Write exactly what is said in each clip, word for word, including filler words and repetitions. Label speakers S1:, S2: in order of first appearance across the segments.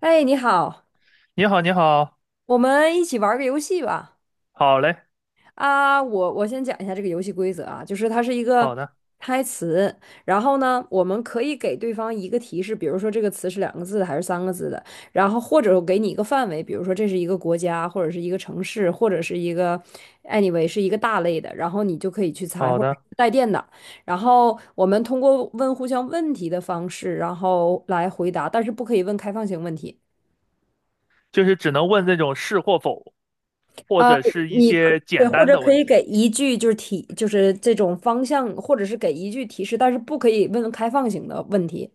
S1: 哎，你好，
S2: 你好，你好，
S1: 我们一起玩儿个游戏吧。
S2: 好嘞，
S1: 啊，我我先讲一下这个游戏规则啊，就是它是一个
S2: 好的，
S1: 猜词，然后呢，我们可以给对方一个提示，比如说这个词是两个字的还是三个字的，然后或者我给你一个范围，比如说这是一个国家，或者是一个城市，或者是一个 anyway 是一个大类的，然后你就可以去猜，
S2: 好
S1: 或者
S2: 的，
S1: 是带电的。然后我们通过问互相问题的方式，然后来回答，但是不可以问开放性问题。
S2: 就是只能问这种是或否，或
S1: 啊，
S2: 者是一
S1: 你可
S2: 些
S1: 对，
S2: 简
S1: 或
S2: 单
S1: 者
S2: 的
S1: 可
S2: 问
S1: 以
S2: 题。
S1: 给一句就是提，就是这种方向，或者是给一句提示，但是不可以问开放型的问题。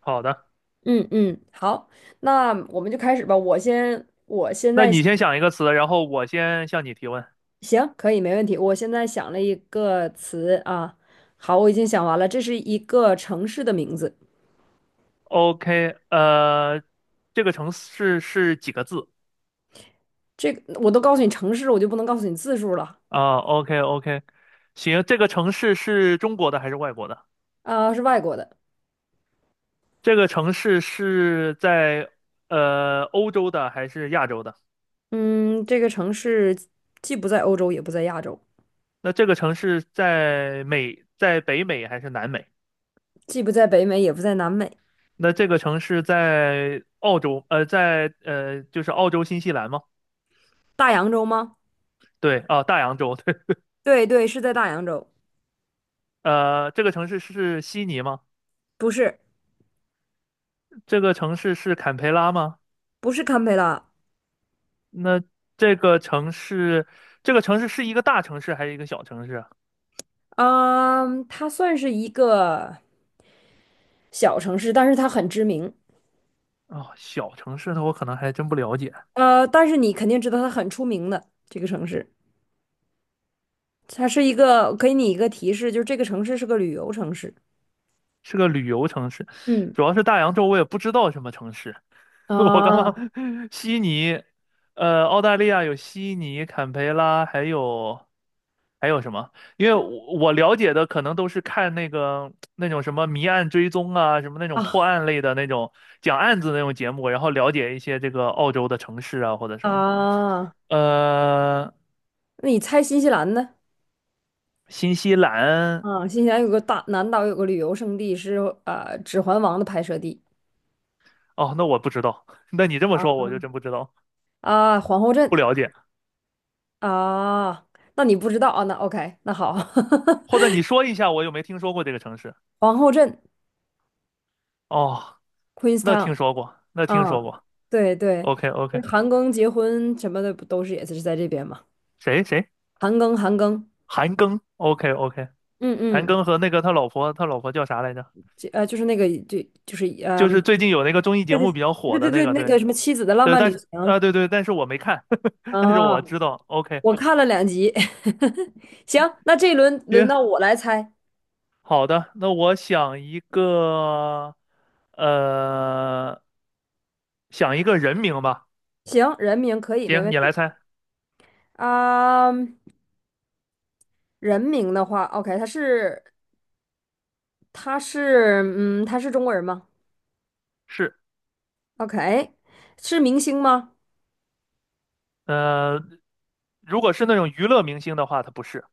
S2: 好的，
S1: 嗯嗯，好，那我们就开始吧。我先，我现
S2: 那
S1: 在
S2: 你先想一个词，然后我先向你提问。
S1: 行，可以，没问题。我现在想了一个词啊，好，我已经想完了，这是一个城市的名字。
S2: OK，呃，这个城市是几个字
S1: 这个我都告诉你城市，我就不能告诉你字数了。
S2: 啊？OK，OK，行，这个城市是中国的还是外国的？
S1: 啊，是外国的。
S2: 这个城市是在呃欧洲的还是亚洲的？
S1: 嗯，这个城市既不在欧洲，也不在亚洲，
S2: 那这个城市在美，在北美还是南美？
S1: 既不在北美，也不在南美，
S2: 那这个城市在澳洲，呃，在呃，就是澳洲新西兰吗？
S1: 大洋洲吗？
S2: 对，啊，大洋洲，对，
S1: 对对，是在大洋洲，
S2: 呃，这个城市是悉尼吗？
S1: 不是。
S2: 这个城市是坎培拉吗？
S1: 不是堪培拉。
S2: 那这个城市，这个城市是一个大城市还是一个小城市啊？
S1: 嗯，它算是一个小城市，但是它很知名。
S2: 哦，小城市的我可能还真不了解，
S1: 呃，但是你肯定知道它很出名的这个城市，它是一个，给你一个提示，就是这个城市是个旅游城市。
S2: 是个旅游城市，
S1: 嗯，
S2: 主要是大洋洲我也不知道什么城市。我刚
S1: 啊，
S2: 刚悉尼，呃，澳大利亚有悉尼、坎培拉，还有还有什么？因为我我了解的可能都是看那个那种什么谜案追踪啊，什么那种破
S1: 啊，
S2: 案类的那种讲案子那种节目，然后了解一些这个澳洲的城市啊或者什么的。
S1: 啊，
S2: 呃，
S1: 那你猜新西兰呢？
S2: 新西兰，
S1: 啊，新西兰有个大南岛有个旅游胜地是呃《指环王》的拍摄地。
S2: 哦，那我不知道，那你这么说我就真不知道，
S1: 啊，皇后
S2: 不
S1: 镇。
S2: 了解。
S1: 啊，那你不知道啊？那 OK，那好。
S2: 或者 你说一下，我有没听说过这个城市？
S1: 皇后镇
S2: 哦，那听
S1: ，Queenstown。
S2: 说过，那听说
S1: 啊，
S2: 过。
S1: 对对，
S2: OK
S1: 就
S2: OK，
S1: 是韩庚结婚什么的不都是也是在这边嘛？
S2: 谁谁？
S1: 韩庚，韩庚，
S2: 韩庚？OK OK，
S1: 嗯
S2: 韩
S1: 嗯，
S2: 庚和那个他老婆，他老婆叫啥来着？
S1: 这呃就是那个就就是呃，
S2: 就是最近有那个综艺节
S1: 对对
S2: 目比较火
S1: 对对
S2: 的那
S1: 对，
S2: 个，
S1: 那
S2: 对
S1: 个什么妻子的浪
S2: 对，
S1: 漫
S2: 但
S1: 旅
S2: 是
S1: 行。
S2: 啊、对对，但是我没看，但是
S1: 啊，
S2: 我知道。OK，
S1: 我看了两集。行，那这一轮轮
S2: 行，
S1: 到我来猜。
S2: 好的，那我想一个，呃，想一个人名吧。
S1: 行，人名可以没问
S2: 行，你
S1: 题。
S2: 来猜，
S1: 啊，人名的话，OK，他是他是嗯他是中国人吗
S2: 是，
S1: ？OK，是明星吗？
S2: 呃，如果是那种娱乐明星的话，他不是，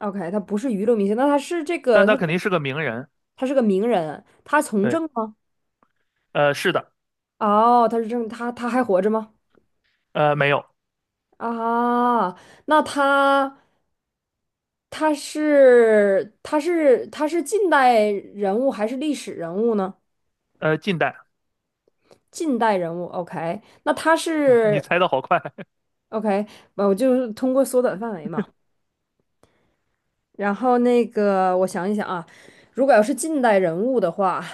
S1: OK，他不是娱乐明星，那他是这
S2: 但
S1: 个，他
S2: 他肯定是个名人。
S1: 他是个名人，他从
S2: 对，
S1: 政吗？
S2: 呃，是的，
S1: 哦，他是政，他他还活着吗？
S2: 呃，没有，
S1: 啊，那他他是他是他是近代人物还是历史人物呢？
S2: 呃，近代，
S1: 近代人物，OK，那他
S2: 啊你
S1: 是
S2: 猜的好快。
S1: OK，呃我就是通过缩短范围嘛。然后那个，我想一想啊，如果要是近代人物的话，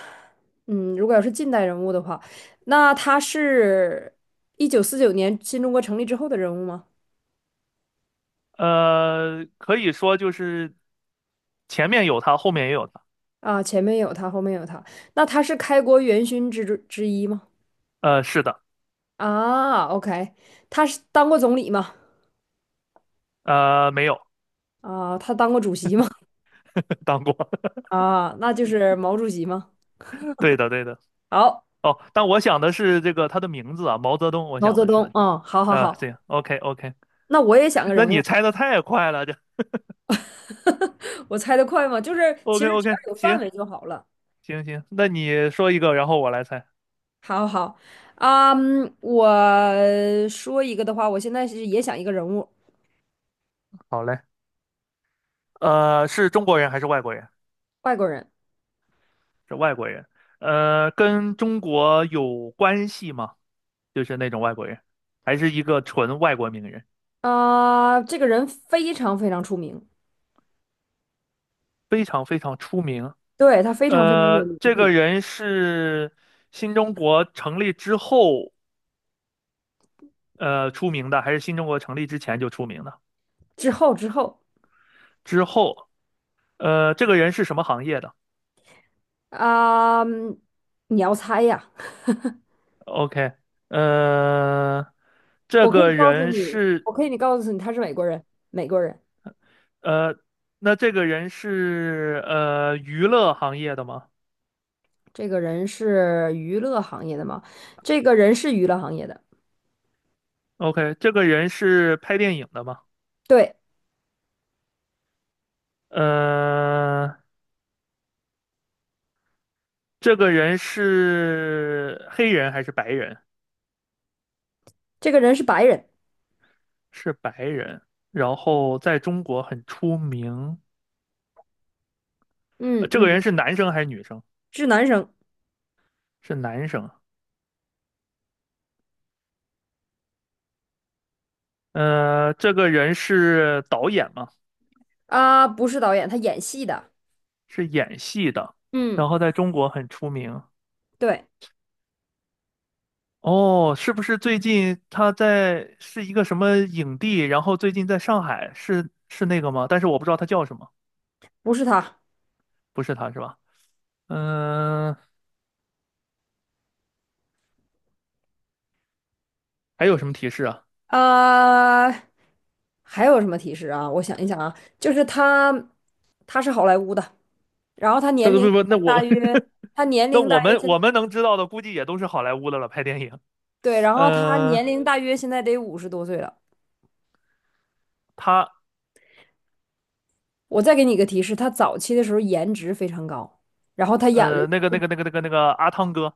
S1: 嗯，如果要是近代人物的话，那他是一九四九年新中国成立之后的人物吗？
S2: 呃，可以说就是前面有他，后面也有他。
S1: 啊，前面有他，后面有他，那他是开国元勋之之一吗？
S2: 呃，是的，
S1: 啊，OK，他是当过总理吗？
S2: 呃，没有
S1: 啊，他当过主席吗？
S2: 当过。
S1: 啊，那就是毛主席吗？
S2: 对的，对的。
S1: 好，
S2: 哦，但我想的是这个他的名字啊，毛泽东。我
S1: 毛
S2: 想
S1: 泽
S2: 的是
S1: 东，嗯，好好
S2: 啊，
S1: 好，
S2: 行 OK OK。
S1: 那我也想个
S2: 那
S1: 人
S2: 你
S1: 物。
S2: 猜的太快了，这
S1: 我猜得快吗？就是其
S2: OK
S1: 实只
S2: OK。
S1: 要有范
S2: 行
S1: 围就好了。
S2: 行行，那你说一个，然后我来猜。
S1: 好好，啊嗯，我说一个的话，我现在是也想一个人物，
S2: 好嘞。呃，是中国人还是外国人？
S1: 外国人。
S2: 是外国人。呃，跟中国有关系吗？就是那种外国人，还是一个纯外国名人，
S1: 啊，这个人非常非常出名，
S2: 非常非常出名。
S1: 对，他非常非常
S2: 呃，
S1: 有名
S2: 这个
S1: 气。
S2: 人是新中国成立之后呃出名的，还是新中国成立之前就出名的？
S1: 之后之后。
S2: 之后，呃，这个人是什么行业的
S1: 啊嗯，你要猜呀？
S2: ？OK，呃，这
S1: 我可以
S2: 个
S1: 告诉
S2: 人
S1: 你，
S2: 是
S1: 我可以你告诉你，他是美国人，美国人。
S2: 呃，那这个人是呃娱乐行业的吗
S1: 这个人是娱乐行业的吗？这个人是娱乐行业的，
S2: ？OK，这个人是拍电影的吗？
S1: 对。
S2: 呃，这个人是黑人还是白人？
S1: 这个人是白人，
S2: 是白人，然后在中国很出名。呃
S1: 嗯
S2: 这个
S1: 嗯，
S2: 人是男生还是女生？
S1: 是男生。
S2: 是男生。呃，这个人是导演嘛，
S1: 啊，不是导演，他演戏的，
S2: 是演戏的，
S1: 嗯，
S2: 然后在中国很出名。
S1: 对。
S2: 哦，是不是最近他在是一个什么影帝？然后最近在上海，是是那个吗？但是我不知道他叫什么，
S1: 不是他，
S2: 不是他是吧？嗯、还有什么提示啊？
S1: 呃，还有什么提示啊？我想一想啊，就是他，他是好莱坞的，然后他
S2: 那
S1: 年龄
S2: 不不，那
S1: 大
S2: 我
S1: 约，他年
S2: 那
S1: 龄大
S2: 我
S1: 约
S2: 们
S1: 现，
S2: 我们能知道的，估计也都是好莱坞的了，拍电影。
S1: 对，然后他
S2: 嗯、呃
S1: 年龄大约现在得五十多岁了。
S2: 他
S1: 我再给你一个提示，他早期的时候颜值非常高，然后他演了，
S2: 呃，那个那个那个那个那个阿汤哥，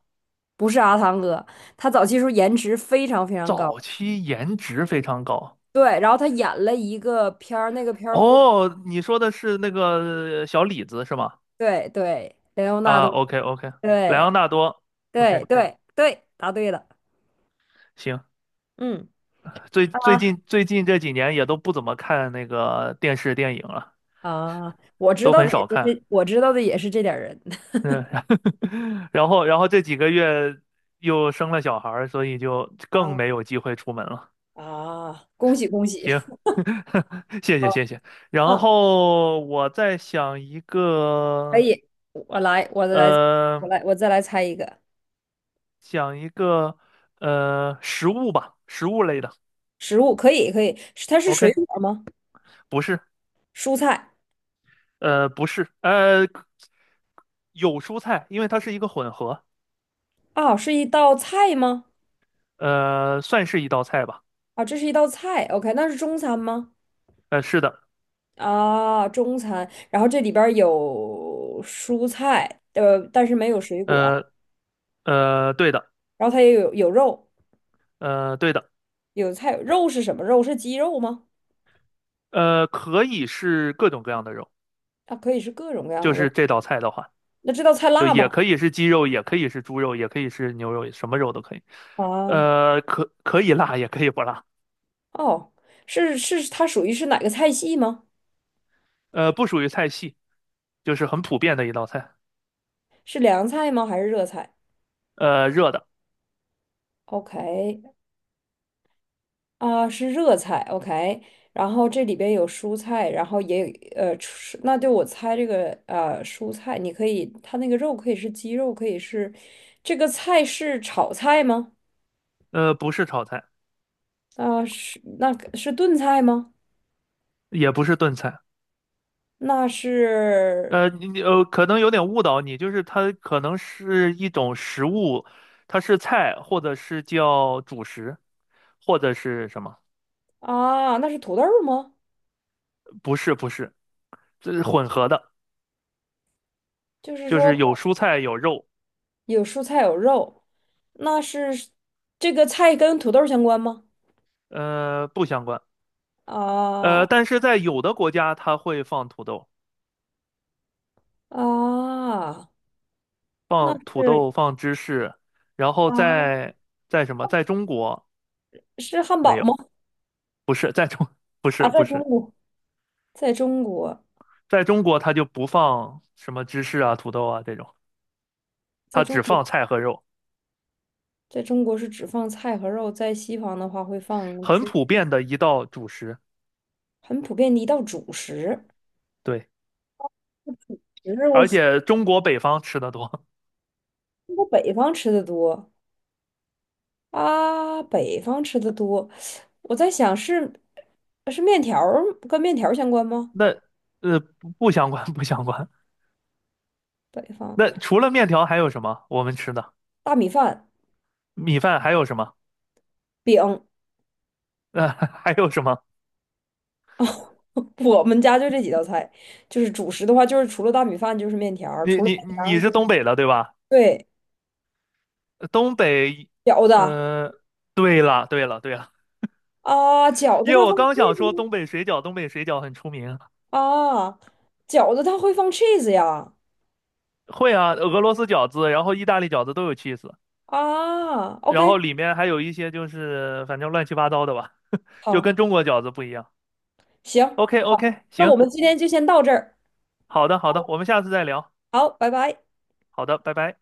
S1: 不是阿汤哥，他早期的时候颜值非常非常高，
S2: 早期颜值非常高。
S1: 对，然后他演了一个片儿，那个片儿火，
S2: 哦，你说的是那个小李子是吗？
S1: 对对，雷欧纳
S2: 啊
S1: 多，
S2: ，OK OK，莱昂
S1: 对
S2: 纳多
S1: 对
S2: ，OK，
S1: 对对，答对了，
S2: 行。
S1: 嗯。
S2: 最最
S1: 啊。
S2: 近最近这几年也都不怎么看那个电视电影了，
S1: 啊，我知
S2: 都
S1: 道
S2: 很
S1: 的也
S2: 少
S1: 是
S2: 看。
S1: 这，我知道的也是这点儿人。
S2: 嗯，然后然后这几个月又生了小孩儿所以就 更
S1: 啊，
S2: 没有机会出门了。
S1: 啊，恭喜恭喜，
S2: 行，谢谢谢谢。然
S1: 嗯，
S2: 后我在想一
S1: 可
S2: 个。
S1: 以，我来，我来，
S2: 呃，
S1: 我来，我再来猜一个
S2: 讲一个呃食物吧，食物类的。
S1: 食物。可以可以，是它是水
S2: OK，
S1: 果吗？
S2: 不是，
S1: 蔬菜。
S2: 呃，不是，呃，有蔬菜，因为它是一个混合，
S1: 啊，是一道菜吗？
S2: 呃，算是一道菜吧。
S1: 啊，这是一道菜，OK，那是中餐吗？
S2: 呃，是的，
S1: 啊，中餐，然后这里边儿有蔬菜，呃，但是没有水果，
S2: 呃呃，对的，
S1: 然后它也有有肉，
S2: 呃对的，
S1: 有菜，肉是什么肉？是鸡肉吗？
S2: 呃，可以是各种各样的肉，
S1: 啊，可以是各种各样的
S2: 就是
S1: 肉。
S2: 这道菜的话，
S1: 那这道菜
S2: 就
S1: 辣吗？
S2: 也可以是鸡肉，也可以是猪肉，也可以是牛肉，什么肉都可以。
S1: 啊，
S2: 呃，可可以辣，也可以不辣。
S1: 哦，是是，它属于是哪个菜系吗？
S2: 呃，不属于菜系，就是很普遍的一道菜。
S1: 是凉菜吗？还是热菜
S2: 呃，热的。
S1: ？OK，啊，是热菜。OK，然后这里边有蔬菜，然后也有呃，蔬那就我猜这个呃蔬菜，你可以，它那个肉可以是鸡肉，可以是这个菜是炒菜吗？
S2: 呃，不是炒菜，
S1: 啊，是那个是炖菜吗？
S2: 也不是炖菜，
S1: 那是。
S2: 呃，你你呃，可能有点误导你，就是它可能是一种食物，它是菜，或者是叫主食，或者是什么？
S1: 啊，那是土豆儿吗？
S2: 不是，不是，这是混合的，
S1: 就是
S2: 就
S1: 说。
S2: 是有蔬菜有肉，
S1: 有蔬菜有肉，那是这个菜跟土豆相关吗？
S2: 呃，不相关，
S1: 啊，
S2: 呃，但是在有的国家它会放土豆，
S1: 啊，那
S2: 放土
S1: 是。
S2: 豆，放芝士，然后
S1: 啊
S2: 在在什么，在中国
S1: 是汉
S2: 没
S1: 堡吗？
S2: 有，不是在中，不
S1: 啊，
S2: 是不
S1: 在中
S2: 是。
S1: 国，在中国，
S2: 在中国它就不放什么芝士啊、土豆啊这种，
S1: 在
S2: 它
S1: 中
S2: 只
S1: 国，
S2: 放菜和肉，
S1: 在中国是只放菜和肉，在西方的话会放
S2: 很
S1: 只
S2: 普遍的一道主食。
S1: 很普遍的一道主食。
S2: 对，
S1: 只是我
S2: 而且中国北方吃的多，
S1: 中国北方吃的多。啊，北方吃的多，我在想是是面条儿跟面条儿相关 吗？
S2: 那呃不不相关不相关。
S1: 北方
S2: 那除了面条还有什么我们吃的？
S1: 大米饭。
S2: 米饭还有什么？
S1: 饼哦，
S2: 呃，还有什么？
S1: 我们家就这几道菜，就是主食的话，就是除了大米饭就是面条儿
S2: 你
S1: 除了
S2: 你
S1: 面条
S2: 你
S1: 儿就
S2: 是东
S1: 是
S2: 北的对吧？
S1: 对
S2: 呃东北，
S1: 饺子啊，
S2: 呃，对了对了对了，
S1: 饺子
S2: 因为
S1: 它
S2: 我
S1: 放
S2: 刚想说
S1: cheese。
S2: 东北水饺，东北水饺很出名。
S1: 啊，饺子它会放 cheese 呀。
S2: 会啊，俄罗斯饺子，然后意大利饺子都有 cheese。
S1: 啊
S2: 然
S1: ，OK，
S2: 后里面还有一些就是反正乱七八糟的吧，就
S1: 好，
S2: 跟中国饺子不一样。
S1: 行，
S2: OK OK，
S1: 那我
S2: 行，
S1: 们今天就先到这儿，
S2: 好的好的，我们下次再聊。
S1: 好，拜拜。
S2: 好的，拜拜。